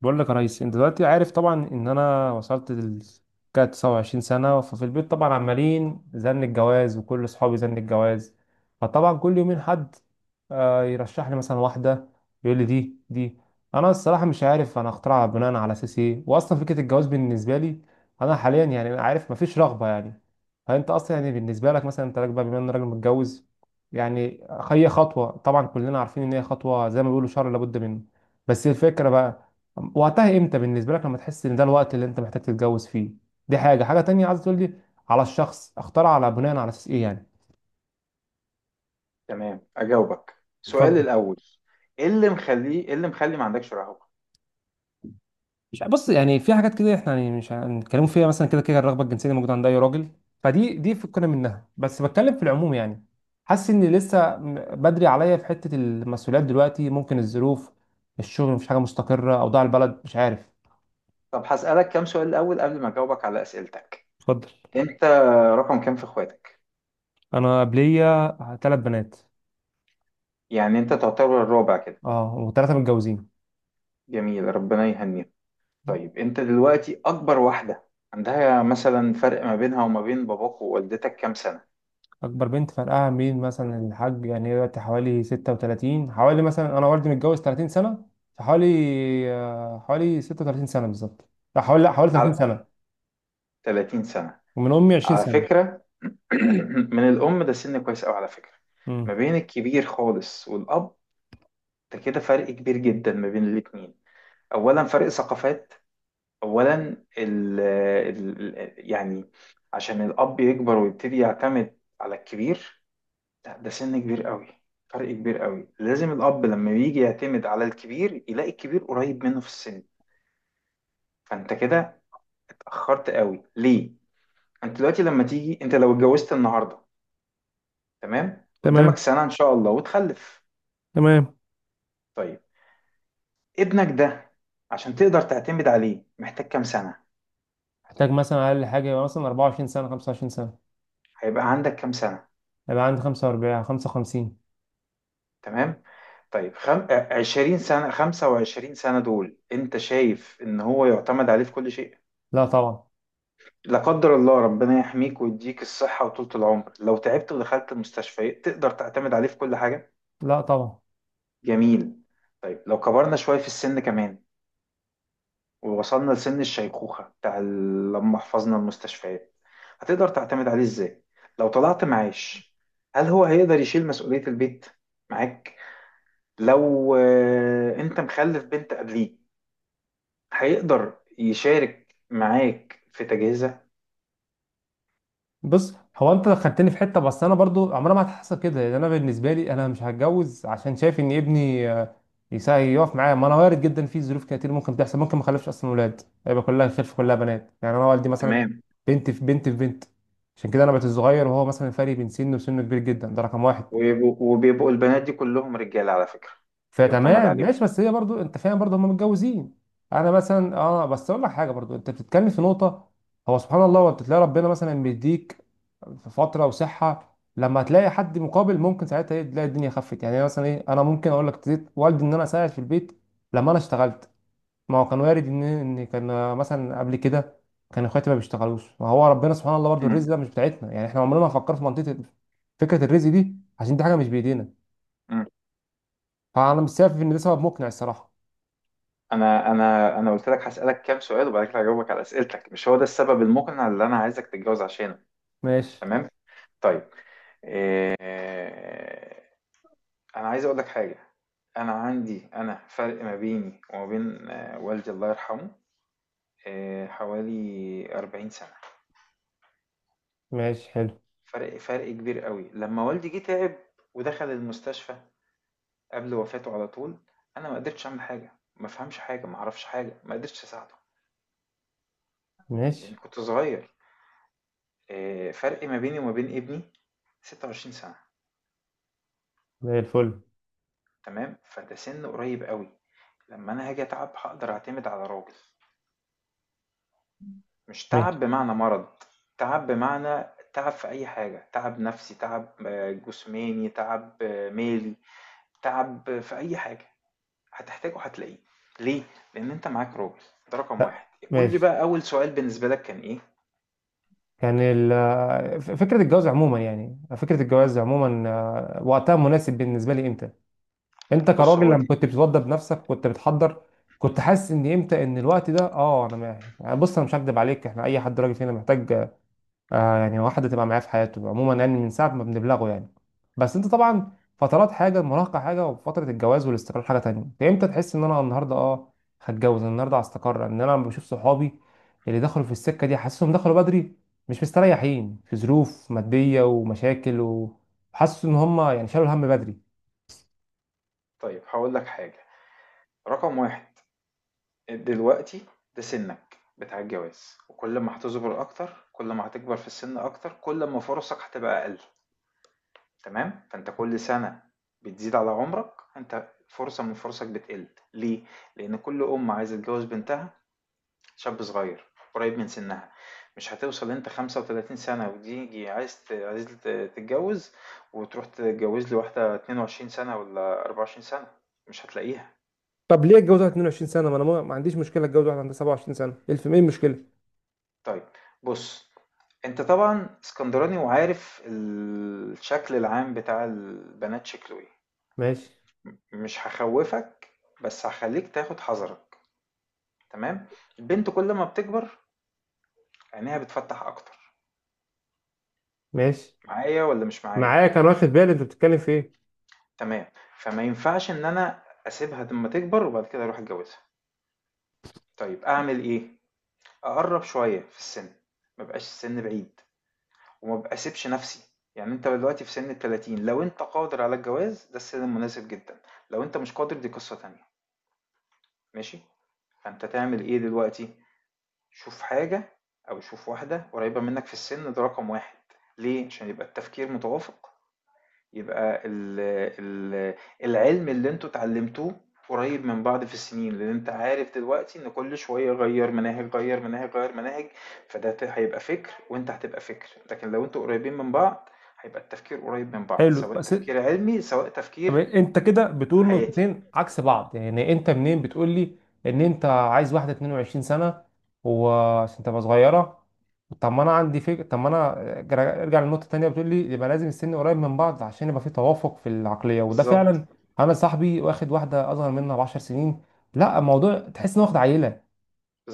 بقول لك يا ريس، انت دلوقتي عارف طبعا ان انا وصلت ل كده 29 سنه. ففي البيت طبعا عمالين زن الجواز، وكل اصحابي زن الجواز، فطبعا كل يومين حد يرشح لي مثلا واحده، يقول لي دي. انا الصراحه مش عارف انا اخترعها بناء على اساس ايه، واصلا فكره الجواز بالنسبه لي انا حاليا، يعني عارف مفيش رغبه، يعني فانت اصلا يعني بالنسبه لك، مثلا انت راجل بقى، بما ان راجل متجوز يعني، هي خطوه طبعا كلنا عارفين ان هي خطوه زي ما بيقولوا شر لابد منه. بس الفكره بقى وقتها امتى بالنسبه لك لما تحس ان ده الوقت اللي انت محتاج تتجوز فيه؟ دي حاجه تانية عايز تقول لي، على الشخص اختار على بناء على اساس ايه يعني؟ تمام، اجاوبك. سؤال اتفضل. الاول، ايه اللي مخلي ما عندكش رهبة؟ مش ع- بص، يعني في حاجات كده احنا يعني مش هنتكلموا فيها، مثلا كده كده الرغبه الجنسيه اللي موجوده عند اي راجل، فدي فكنا منها، بس بتكلم في العموم يعني. حاسس ان لسه بدري عليا في حته المسؤوليات دلوقتي، ممكن الظروف، الشغل مفيش حاجه مستقره، اوضاع البلد مش عارف. طب هسألك كام سؤال. الاول، قبل ما اجاوبك على اسئلتك، اتفضل. انت رقم كام في اخواتك؟ انا قبليه ثلاث بنات. يعني انت تعتبر الرابع كده. اه، وثلاثه متجوزين. جميل، ربنا يهنيك. طيب، انت دلوقتي اكبر واحدة عندها مثلا فرق ما بينها وما بين باباك ووالدتك كام سنة؟ اكبر بنت فرقها مين مثلا الحاج، يعني هي دلوقتي حوالي 36، حوالي مثلا انا والدي متجوز 30 سنه، فحوالي آه، حوالي 36 سنه بالظبط. لا حوالي 30 على سنه. 30 سنة. ومن امي 20 على سنه. فكرة، من الام ده سن كويس قوي على فكرة. ما امم. بين الكبير خالص والاب، ده كده فرق كبير جدا ما بين الاتنين. اولا، فرق ثقافات. اولا، يعني، عشان الاب يكبر ويبتدي يعتمد على الكبير. لا، ده سن كبير قوي. فرق كبير قوي. لازم الاب لما بيجي يعتمد على الكبير يلاقي الكبير قريب منه في السن. فانت كده اتاخرت قوي ليه؟ انت دلوقتي لما تيجي انت لو اتجوزت النهارده، تمام، قدامك تمام. سنه ان شاء الله وتخلف. تمام. طيب، ابنك ده عشان تقدر تعتمد عليه محتاج كام سنه؟ احتاج مثلا اقل حاجه يبقى مثلا 24 سنه 25 سنه. هيبقى عندك كام سنه؟ يبقى عندي 45 55. تمام. طيب، خم... آه، 20 سنة 25 سنة دول انت شايف ان هو يعتمد عليه في كل شيء؟ لا طبعا. لا قدر الله، ربنا يحميك ويديك الصحة وطولة العمر. لو تعبت ودخلت المستشفى تقدر تعتمد عليه في كل حاجة؟ لا طبعا. جميل. طيب، لو كبرنا شوية في السن كمان ووصلنا لسن الشيخوخة بتاع لما حفظنا المستشفيات، هتقدر تعتمد عليه ازاي؟ لو طلعت معاش، هل هو هيقدر يشيل مسؤولية البيت معاك؟ لو انت مخلف بنت قبليه، هيقدر يشارك معاك في تجهيزها؟ بص، هو انت دخلتني في حته، بس انا برضو عمرها ما هتحصل كده، لان انا بالنسبه لي انا مش هتجوز عشان شايف ان ابني يقف معايا، ما انا وارد جدا في ظروف كتير ممكن تحصل، ممكن ما اخلفش اصلا ولاد، يبقى كلها خلف كلها بنات يعني، انا والدي مثلا تمام. بنت في بنت في بنت. عشان كده انا بقيت الصغير، وهو مثلا فرق بين سنه وسنه كبير جدا، ده رقم واحد. وبيبقوا البنات دي كلهم رجاله على فكره. يعتمد فتمام عليهم. ماشي، بس هي برضو انت فاهم برضو هم متجوزين. انا مثلا اه بس اقول لك حاجه، برضو انت بتتكلم في نقطه، هو سبحان الله، وانت تلاقي ربنا مثلا بيديك في فتره وصحه، لما تلاقي حد مقابل ممكن ساعتها ايه تلاقي الدنيا خفت يعني. أنا مثلا ايه، انا ممكن اقول لك ابتديت والدي ان انا اساعد في البيت لما انا اشتغلت، ما هو كان وارد ان كان مثلا قبل كده كان اخواتي ما بيشتغلوش، ما هو ربنا سبحان الله برضو الرزق مم. ده مش بتاعتنا يعني، احنا عمرنا ما فكرنا في منطقه فكره الرزق دي، عشان دي حاجه مش بايدينا. مم. فانا مش شايف ان ده سبب مقنع الصراحه. انا قلت لك هسالك كام سؤال وبعد كده هجاوبك على اسئلتك. مش هو ده السبب المقنع اللي انا عايزك تتجوز عشانه. ماشي. تمام. طيب، إيه... انا عايز اقول لك حاجه. انا فرق ما بيني وما بين والدي الله يرحمه، حوالي 40 سنه. ماشي حلو. فرق كبير قوي. لما والدي جه تعب ودخل المستشفى قبل وفاته على طول، انا ما قدرتش اعمل حاجه، ما فهمش حاجه، ما اعرفش حاجه، ما قدرتش اساعده. لان ماشي. كنت صغير. فرق ما بيني وما بين ابني 26 سنه. زي الفل. تمام، فده سن قريب قوي. لما انا هاجي اتعب هقدر اعتمد على راجل. مش ماشي. تعب بمعنى مرض. تعب بمعنى تعب في اي حاجه، تعب نفسي، تعب جسماني، تعب مالي، تعب في اي حاجه. هتحتاجه هتلاقيه. ليه؟ لأن أنت معاك راجل. ده رقم واحد. قول لي ماشي. بقى، أول سؤال بالنسبة لك كان إيه؟ كان فكرة الجواز عموما، يعني فكرة الجواز عموما، وقتها مناسب بالنسبة لي امتى؟ انت بص، كراجل هو لما دي. كنت بتتوضى بنفسك كنت بتحضر، كنت حاسس ان امتى ان الوقت ده؟ اه، انا ما يعني بص، انا مش هكدب عليك، احنا اي حد راجل فينا محتاج يعني واحدة تبقى معاه في حياته عموما، يعني من ساعة ما بنبلغه يعني، بس انت طبعا فترات حاجة المراهقة حاجة وفترة الجواز والاستقرار حاجة تانية، انت امتى تحس ان انا النهاردة هتجوز النهاردة هستقر، ان انا لما بشوف صحابي اللي دخلوا في السكة دي حاسسهم دخلوا بدري، مش مستريحين في ظروف مادية ومشاكل، وحاسس ان هم يعني شالوا الهم بدري. طيب، هقول لك حاجة. رقم واحد، دلوقتي ده سنك بتاع الجواز. وكل ما هتصبر أكتر، كل ما هتكبر في السن أكتر، كل ما فرصك هتبقى أقل. تمام؟ فأنت كل سنة بتزيد على عمرك، أنت فرصة من فرصك بتقل. ليه؟ لأن كل أم عايزة تجوز بنتها شاب صغير قريب من سنها. مش هتوصل انت 35 سنة وتيجي تتجوز، وتروح تتجوز لواحدة 22 سنة ولا 24 سنة، مش هتلاقيها. طب ليه اتجوز واحد 22 سنه؟ ما انا ما عنديش مشكله اتجوز واحد عندها 27 سنه الف، ايه المشكله؟ طيب، بص. انت طبعا اسكندراني وعارف الشكل العام بتاع البنات شكله ايه. ماشي. مش هخوفك، بس هخليك تاخد حذرك. تمام. البنت كل ما بتكبر عينيها بتفتح اكتر. ماشي، معايا ولا مش معايا؟ معاك، انا واخد بالي انت بتتكلم في ايه. تمام، فما ينفعش إن أنا أسيبها لمّا تكبر وبعد كده أروح أتجوزها. طيب، أعمل إيه؟ أقرّب شوية في السِن، ما يبقاش السِن بعيد وما ب أسيبش نَفْسي. يعني أنت دلوقتي في سِن ال30، لو أنت قادر على الجواز ده السِن المناسب جدًا. لو أنت مش قادر دي قصة تانية. ماشي. فأنت تعمل إيه دلوقتي؟ شوف حاجة، أو شوف واحدة قريّبة منّك في السِن. ده رقم 1. ليه؟ عشان يبقى التفكير متوافق. يبقى ال ال العلم اللي انتوا اتعلمتوه قريب من بعض في السنين، لان انت عارف دلوقتي ان كل شوية غير مناهج، غير مناهج، غير مناهج. هيبقى فكر وانت هتبقى فكر، لكن لو انتوا قريبين من بعض هيبقى التفكير قريب من بعض، حلو، سواء بس تفكير علمي سواء طب تفكير انت كده بتقول حياتي. نقطتين عكس بعض، يعني انت منين بتقول لي ان انت عايز واحده 22 سنه وعشان تبقى صغيره؟ طب ما انا عندي فكره، طب ما انا ارجع للنقطه التانيه، بتقول لي يبقى لازم السن قريب من بعض عشان يبقى في توافق في العقليه، وده بالظبط، فعلا انا صاحبي واخد واحده اصغر منها ب 10 سنين، لا الموضوع تحس انه واخد عيله،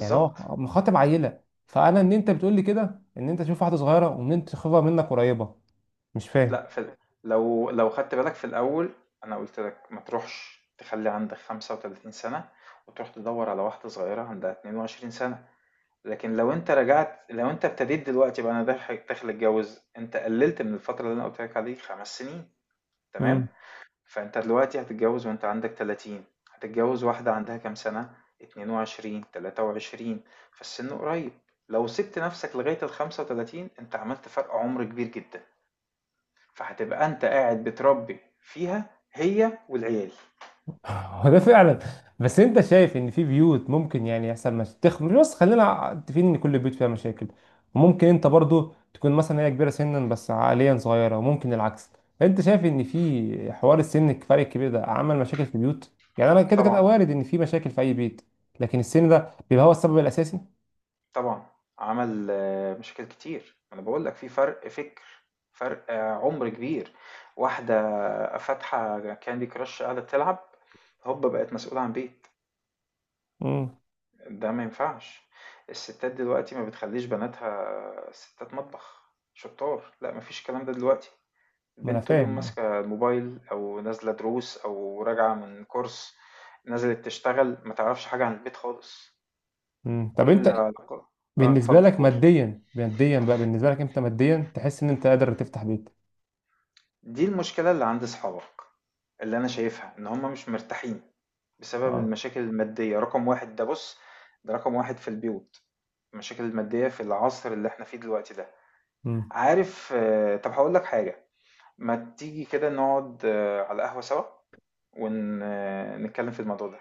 يعني هو مخاطب عيله. فانا ان انت بتقول لي كده ان انت تشوف واحده صغيره، وان انت تخافها منك قريبه، مش لا، فاهم. لو خدت بالك في الاول، انا قلت لك ما تروحش تخلي عندك 35 سنة وتروح تدور على واحدة صغيرة عندها 22 سنة. لكن لو أنت ابتديت دلوقتي، بقى أنا داخل داخل أتجوز، أنت قللت من الفترة اللي أنا قلت لك عليه 5 سنين. تمام. فأنت دلوقتي هتتجوز وأنت عندك 30، هتتجوز واحدة عندها كام سنة؟ 22 23. فالسن قريب. لو سبت نفسك لغاية ال 35، أنت عملت فرق عمر كبير جدا. فهتبقى أنت قاعد بتربي فيها هي والعيال. هو ده فعلا. بس انت شايف ان في بيوت ممكن يعني يحصل مش بس خلينا متفقين ان كل بيوت فيها مشاكل، وممكن انت برضو تكون مثلا هي كبيره سنا بس عقليا صغيره، وممكن العكس، انت شايف ان في حوار السن الفرق الكبير ده عمل مشاكل في البيوت، يعني انا كده كده طبعا. وارد ان في مشاكل في اي بيت، لكن السن ده بيبقى هو السبب الاساسي؟ طبعًا، عمل مشاكل كتير. ما أنا باقول لك في فرق فِكر، فرق عُمر كبير. واحدة فاتحة candy crush قاعدة تلعب، هوبا بقت مسؤولة عن بيت. امم. ده ما ينفعش. الستات دلوقتي ما بتخلّيش بناتها ستات مطبخ، شطّار، لأ ما فيش الكلام ده دلوقتي. ما انا البنت طول اليوم فاهم. ماسكة الموبايل أو نازلة دروس أو راجعة من course، نزلت تشتغل، ما تعرفش حاجة عن البيت خالص. امم، طب كل انت علاقة. بالنسبه اتفضّل لك قُل. ماديا بقى بالنسبه لك انت ماديا تحس ان انت قادر تفتح بيت؟ دي المشكلة اللي عند صحابك، اللي أنا شايفها إن هم مش مرتاحين بسبب اه. المشاكل المادية. رقم واحد ده، بص، ده رقم واحد في البيوت، المشاكل المادية في العصر اللي احنا فيه دلوقتي ده. عارف. طب هقول لك حاجة. ما تيجي كده نقعد على قهوة سوا ونتكلم في الموضوع ده.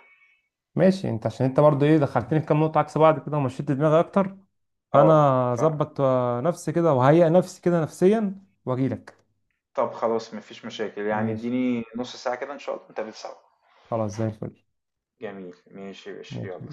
ماشي انت، عشان انت برضو ايه دخلتني في كام نقطة عكس بعض كده ومشيت دماغي اكتر، اه فانا ف اظبط نفسي كده وهيئ نفسي كده نفسيا واجيلك. طب، خلاص مفيش مشاكل. يعني ماشي. اديني نص ساعة كده إن شاء الله نتقابل سوا. خلاص زي الفل. جميل. ماشي يا باشا، ماشي. يلا.